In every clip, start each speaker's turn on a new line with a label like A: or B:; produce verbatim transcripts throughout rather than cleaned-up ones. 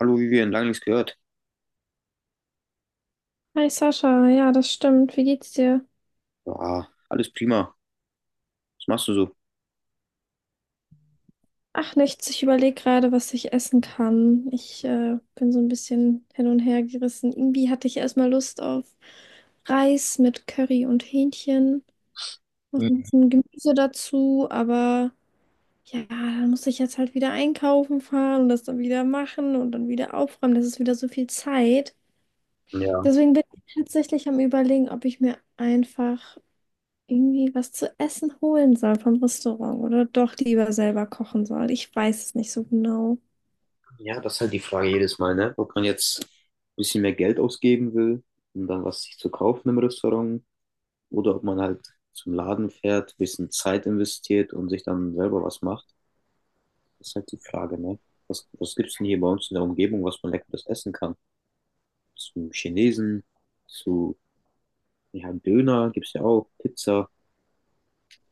A: Hallo Vivian, lange nichts gehört.
B: Hi Sascha, ja, das stimmt. Wie geht's dir?
A: Ja, alles prima. Was machst du so?
B: Ach, nichts. Ich überlege gerade, was ich essen kann. Ich äh, bin so ein bisschen hin und her gerissen. Irgendwie hatte ich erstmal Lust auf Reis mit Curry und Hähnchen. Noch ein bisschen Gemüse dazu, aber ja, dann muss ich jetzt halt wieder einkaufen fahren und das dann wieder machen und dann wieder aufräumen. Das ist wieder so viel Zeit.
A: Ja,
B: Deswegen bin ich tatsächlich am Überlegen, ob ich mir einfach irgendwie was zu essen holen soll vom Restaurant oder doch lieber selber kochen soll. Ich weiß es nicht so genau.
A: ja, das ist halt die Frage jedes Mal, ne? Ob man jetzt ein bisschen mehr Geld ausgeben will, um dann was sich zu kaufen im Restaurant, oder ob man halt zum Laden fährt, ein bisschen Zeit investiert und sich dann selber was macht. Das ist halt die Frage, ne? Was, was gibt's denn hier bei uns in der Umgebung, was man leckeres essen kann? Zum Chinesen, zu, ja, Döner gibt's ja auch, Pizza,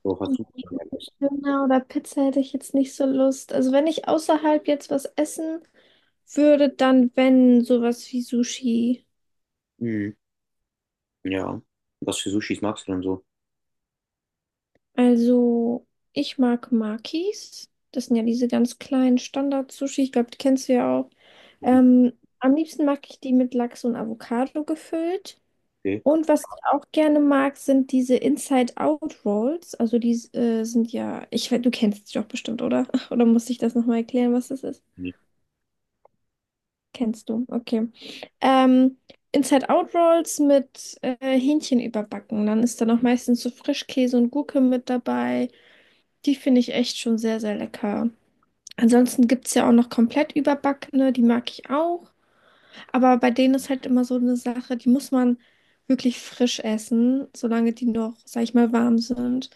A: wo hast du denn Leckeres?
B: Döner oder Pizza hätte ich jetzt nicht so Lust. Also wenn ich außerhalb jetzt was essen würde, dann wenn sowas wie Sushi.
A: Mhm. Ja. Was für Sushis magst du denn so?
B: Also ich mag Makis. Das sind ja diese ganz kleinen Standard-Sushi. Ich glaube, die kennst du ja auch. Ähm, Am liebsten mag ich die mit Lachs und Avocado gefüllt.
A: Okay.
B: Und was ich auch gerne mag, sind diese Inside-Out-Rolls. Also die äh, sind ja, ich, weiß, du kennst sie doch bestimmt, oder? Oder muss ich das nochmal erklären, was das ist?
A: Mhm.
B: Kennst du, okay. Ähm, Inside-Out-Rolls mit äh, Hähnchen überbacken. Dann ist da noch meistens so Frischkäse und Gurke mit dabei. Die finde ich echt schon sehr, sehr lecker. Ansonsten gibt es ja auch noch komplett überbackene, die mag ich auch. Aber bei denen ist halt immer so eine Sache, die muss man wirklich frisch essen, solange die noch, sag ich mal, warm sind.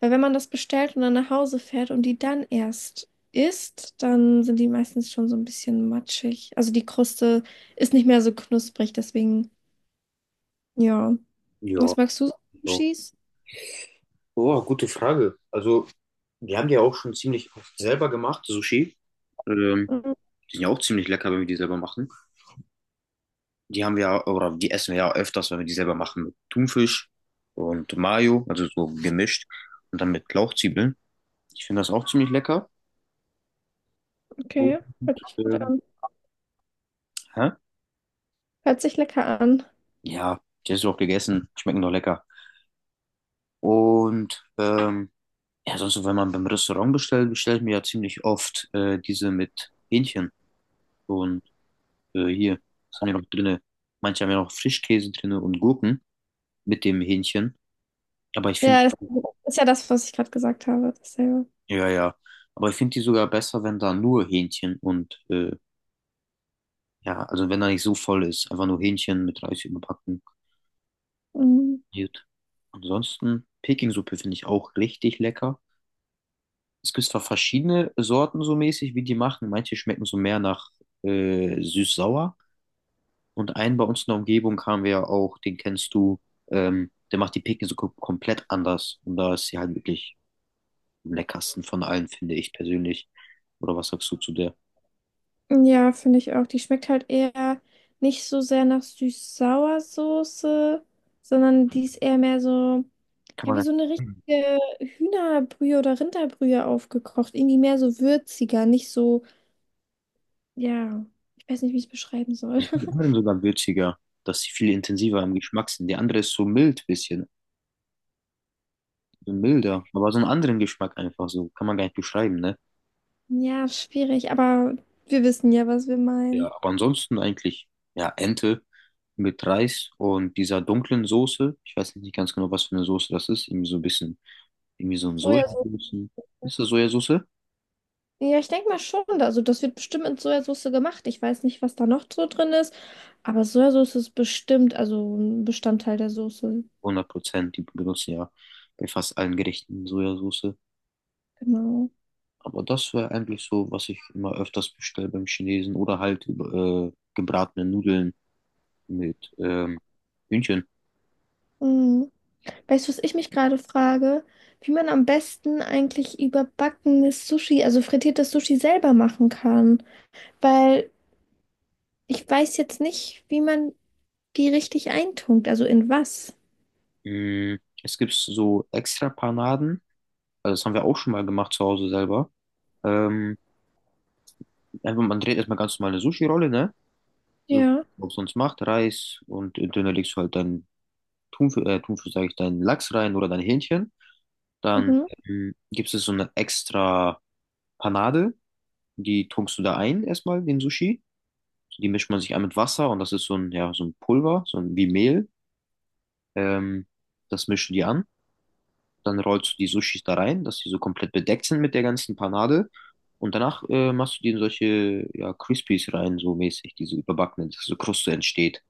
B: Weil wenn man das bestellt und dann nach Hause fährt und die dann erst isst, dann sind die meistens schon so ein bisschen matschig. Also die Kruste ist nicht mehr so knusprig, deswegen, ja.
A: Ja,
B: Was magst du so an
A: ja.
B: Sushis?
A: Oh, gute Frage. Also, wir haben die ja auch schon ziemlich oft selber gemacht, Sushi. Ähm,
B: Mm,
A: die sind ja auch ziemlich lecker, wenn wir die selber machen. Die haben wir ja, oder die essen wir ja öfters, wenn wir die selber machen, mit Thunfisch und Mayo, also so gemischt. Und dann mit Lauchzwiebeln. Ich finde das auch ziemlich lecker.
B: Okay,
A: Und,
B: hört sich gut
A: ähm,
B: an.
A: hä?
B: Hört sich lecker an.
A: Ja, die hast du auch gegessen. Schmecken doch lecker. Und, ähm, ja, sonst, so, wenn man beim Restaurant bestellt, bestelle ich mir ja ziemlich oft äh, diese mit Hähnchen. Und äh, hier, was haben wir noch drinne? Manche haben ja noch Frischkäse drinne und Gurken mit dem Hähnchen. Aber ich finde,
B: Ja, das ist ja das, was ich gerade gesagt habe, dasselbe.
A: ja, ja. Aber ich finde die sogar besser, wenn da nur Hähnchen und, äh, ja, also wenn da nicht so voll ist. Einfach nur Hähnchen mit Reis überbacken.
B: Mhm.
A: Gut. Ansonsten, Peking-Suppe finde ich auch richtig lecker. Es gibt zwar verschiedene Sorten so mäßig, wie die machen. Manche schmecken so mehr nach äh, süß-sauer. Und einen bei uns in der Umgebung haben wir ja auch, den kennst du, ähm, der macht die Picken so kom- komplett anders. Und da ist sie halt wirklich am leckersten von allen, finde ich persönlich. Oder was sagst du zu der?
B: Ja, finde ich auch. Die schmeckt halt eher nicht so sehr nach Süß-Sauer-Soße, sondern die ist eher mehr so,
A: Kann
B: ja, wie
A: man.
B: so eine
A: Hm.
B: richtige Hühnerbrühe oder Rinderbrühe aufgekocht. Irgendwie mehr so würziger, nicht so, ja, ich weiß nicht, wie ich es beschreiben soll.
A: Ich finde die anderen sogar würziger, dass sie viel intensiver im Geschmack sind. Die andere ist so mild bisschen, so milder, aber so einen anderen Geschmack einfach so, kann man gar nicht beschreiben, ne?
B: Ja, schwierig, aber wir wissen ja, was wir
A: Ja,
B: meinen.
A: aber ansonsten eigentlich, ja, Ente mit Reis und dieser dunklen Soße. Ich weiß nicht ganz genau, was für eine Soße das ist, irgendwie so ein bisschen. Irgendwie so ein
B: Sojasauce.
A: Sojasauce. Ist das Sojasauce?
B: Ja, ich denke mal schon. Also, das wird bestimmt mit Sojasauce gemacht. Ich weiß nicht, was da noch so drin ist, aber Sojasauce ist bestimmt, also ein Bestandteil der Soße.
A: hundert Prozent, die benutzen ja bei fast allen Gerichten Sojasauce.
B: Genau.
A: Aber das wäre eigentlich so, was ich immer öfters bestelle beim Chinesen. Oder halt äh, gebratene Nudeln mit ähm, Hühnchen.
B: Mhm. Weißt du, was ich mich gerade frage? Wie man am besten eigentlich überbackenes Sushi, also frittiertes Sushi selber machen kann. Weil ich weiß jetzt nicht, wie man die richtig eintunkt, also in was.
A: Mm, es gibt so extra Panaden. Also das haben wir auch schon mal gemacht zu Hause selber. Ähm, einfach, man dreht erstmal ganz normal eine Sushi-Rolle, ne? So,
B: Ja.
A: was sonst macht, Reis und äh, dünner legst du halt deinen Thunfisch, äh, Thunfisch sage ich, deinen Lachs rein oder dein Hähnchen. Dann
B: Mhm.
A: ähm, gibt es so eine extra Panade, die tunkst du da ein erstmal, den Sushi. Die mischt man sich an mit Wasser und das ist so ein, ja, so ein Pulver, so ein, wie Mehl. Ähm, das mischst du die an. Dann rollst du die Sushis da rein, dass die so komplett bedeckt sind mit der ganzen Panade. Und danach äh, machst du die in solche ja, Crispies rein, so mäßig, diese überbackene, dass so Kruste entsteht.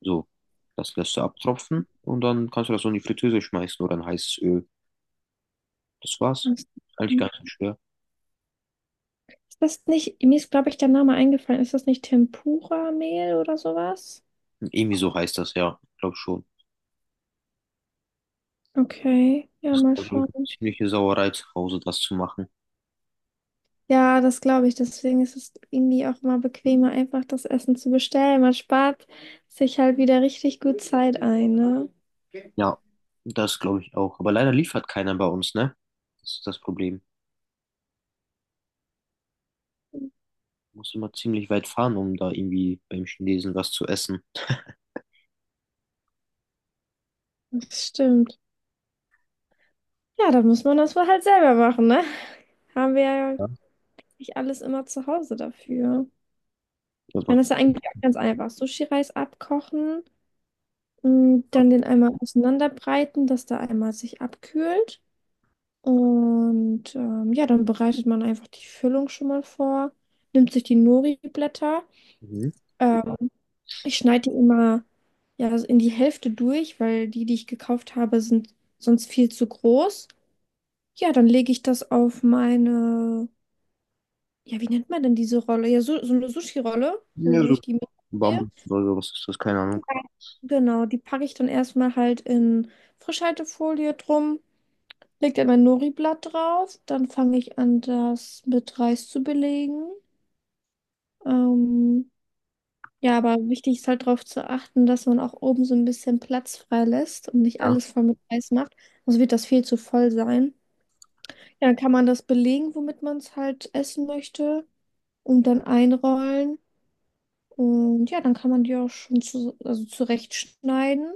A: So, das lässt du abtropfen und dann kannst du das so in die Fritteuse schmeißen oder in heißes Öl. Das war's.
B: Ist
A: Eigentlich gar nicht so schwer.
B: das nicht, mir ist, glaube ich, der Name eingefallen. Ist das nicht Tempura-Mehl oder sowas?
A: Irgendwie so heißt das, ja, glaube schon.
B: Okay, ja,
A: Das
B: mal
A: war, glaube ich, eine
B: schauen.
A: ziemliche Sauerei zu Hause, das zu machen.
B: Ja, das glaube ich. Deswegen ist es irgendwie auch mal bequemer, einfach das Essen zu bestellen. Man spart sich halt wieder richtig gut Zeit ein, ne?
A: Ja, das glaube ich auch. Aber leider liefert keiner bei uns, ne? Das ist das Problem. Muss immer ziemlich weit fahren, um da irgendwie beim Chinesen was zu essen.
B: Das stimmt. Ja, dann muss man das wohl halt selber machen, ne? Haben wir ja
A: Ja,
B: nicht alles immer zu Hause dafür. Ich
A: aber,
B: meine, das ist ja eigentlich auch ganz einfach. Sushi-Reis abkochen, mh, dann den einmal auseinanderbreiten, dass da einmal sich abkühlt. Und ähm, ja, dann bereitet man einfach die Füllung schon mal vor, nimmt sich die Nori-Blätter.
A: mhm.
B: Ähm, Ich schneide die immer ja, so in die Hälfte durch, weil die, die ich gekauft habe, sind sonst viel zu groß. Ja, dann lege ich das auf meine, ja, wie nennt man denn diese Rolle? Ja, so, so eine Sushi-Rolle, wo,
A: Ja,
B: wo
A: so
B: ich die mitdrehe.
A: Bambus oder so, was ist das? Keine Ahnung.
B: Genau, die packe ich dann erstmal halt in Frischhaltefolie drum, lege dann mein Nori-Blatt drauf, dann fange ich an, das mit Reis zu belegen. Ähm, Ja, aber wichtig ist halt darauf zu achten, dass man auch oben so ein bisschen Platz frei lässt und nicht
A: Ja,
B: alles voll mit Reis macht. Sonst wird das viel zu voll sein. Ja, dann kann man das belegen, womit man es halt essen möchte und dann einrollen. Und ja, dann kann man die auch schon zu, also zurechtschneiden.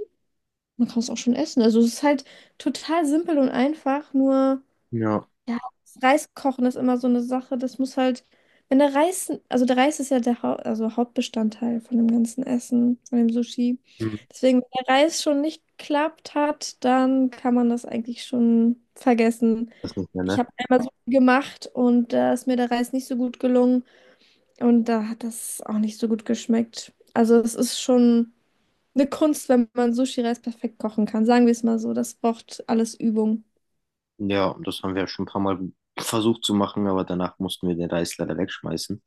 B: Man kann es auch schon essen. Also es ist halt total simpel und einfach, nur.
A: ja,
B: Ja, das Reiskochen ist immer so eine Sache. Das muss halt, wenn der Reis, also der Reis ist ja der Hau, also Hauptbestandteil von dem ganzen Essen, von dem Sushi.
A: mhm,
B: Deswegen, wenn der Reis schon nicht geklappt hat, dann kann man das eigentlich schon vergessen.
A: das nicht mehr,
B: Ich
A: ne?
B: habe einmal so gemacht und da ist mir der Reis nicht so gut gelungen und da hat das auch nicht so gut geschmeckt. Also es ist schon eine Kunst, wenn man Sushi-Reis perfekt kochen kann. Sagen wir es mal so, das braucht alles Übung.
A: Ja, und das haben wir schon ein paar Mal versucht zu machen, aber danach mussten wir den Reis leider wegschmeißen,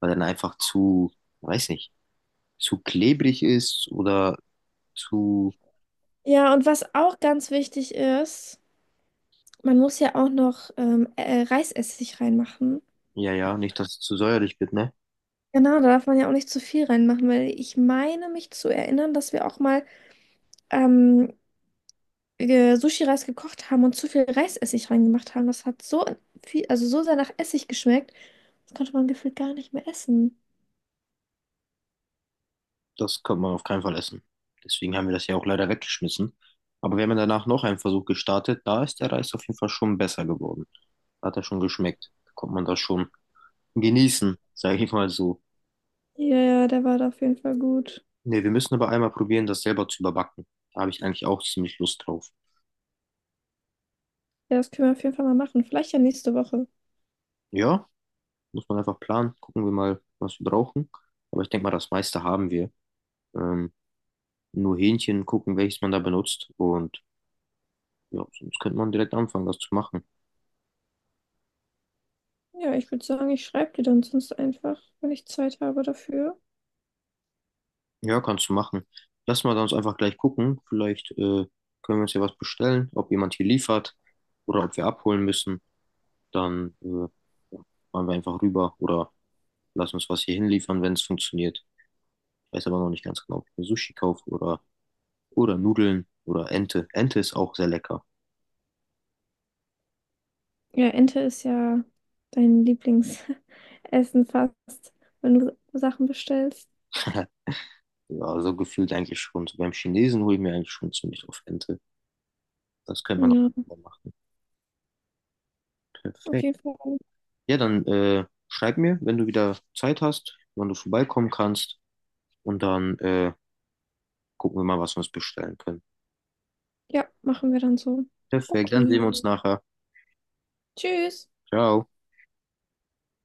A: weil er dann einfach zu, weiß nicht, zu klebrig ist oder zu.
B: Ja, und was auch ganz wichtig ist, man muss ja auch noch ähm, äh, Reisessig reinmachen.
A: Ja, ja, nicht, dass es zu säuerlich wird, ne?
B: Genau, da darf man ja auch nicht zu viel reinmachen, weil ich meine mich zu erinnern, dass wir auch mal ähm, äh, Sushi-Reis gekocht haben und zu viel Reisessig reingemacht haben. Das hat so viel, also so sehr nach Essig geschmeckt. Das konnte man gefühlt gar nicht mehr essen.
A: Das kann man auf keinen Fall essen. Deswegen haben wir das ja auch leider weggeschmissen. Aber wir haben ja danach noch einen Versuch gestartet. Da ist der Reis auf jeden Fall schon besser geworden. Hat er schon geschmeckt. Da konnte man das schon genießen, sage ich mal so.
B: Ja, ja, der war da auf jeden Fall gut.
A: Ne, wir müssen aber einmal probieren, das selber zu überbacken. Da habe ich eigentlich auch ziemlich Lust drauf.
B: Ja, das können wir auf jeden Fall mal machen. Vielleicht ja nächste Woche.
A: Ja, muss man einfach planen. Gucken wir mal, was wir brauchen. Aber ich denke mal, das meiste haben wir. Ähm, nur Hähnchen gucken, welches man da benutzt. Und ja, sonst könnte man direkt anfangen, das zu machen.
B: Ja, ich würde sagen, ich schreibe dir dann sonst einfach, wenn ich Zeit habe dafür.
A: Ja, kannst du machen. Lass mal sonst einfach gleich gucken. Vielleicht äh, können wir uns ja was bestellen, ob jemand hier liefert oder ob wir abholen müssen. Dann äh, ja, fahren wir einfach rüber oder lass uns was hier hinliefern, wenn es funktioniert. Ich weiß aber noch nicht ganz genau, ob ich mir Sushi kaufe oder, oder Nudeln oder Ente. Ente ist auch sehr lecker.
B: Ja, Ente ist ja dein Lieblingsessen fast, wenn du Sachen bestellst.
A: Ja, so gefühlt eigentlich schon. So beim Chinesen hole ich mir eigentlich schon ziemlich oft Ente. Das könnte man
B: Ja,
A: auch machen.
B: auf
A: Perfekt.
B: jeden Fall.
A: Ja, dann äh, schreib mir, wenn du wieder Zeit hast, wann du vorbeikommen kannst. Und dann äh, gucken wir mal, was wir uns bestellen können.
B: Ja, machen wir dann so.
A: Perfekt, dann
B: Okay.
A: sehen wir uns nachher.
B: Tschüss.
A: Ciao.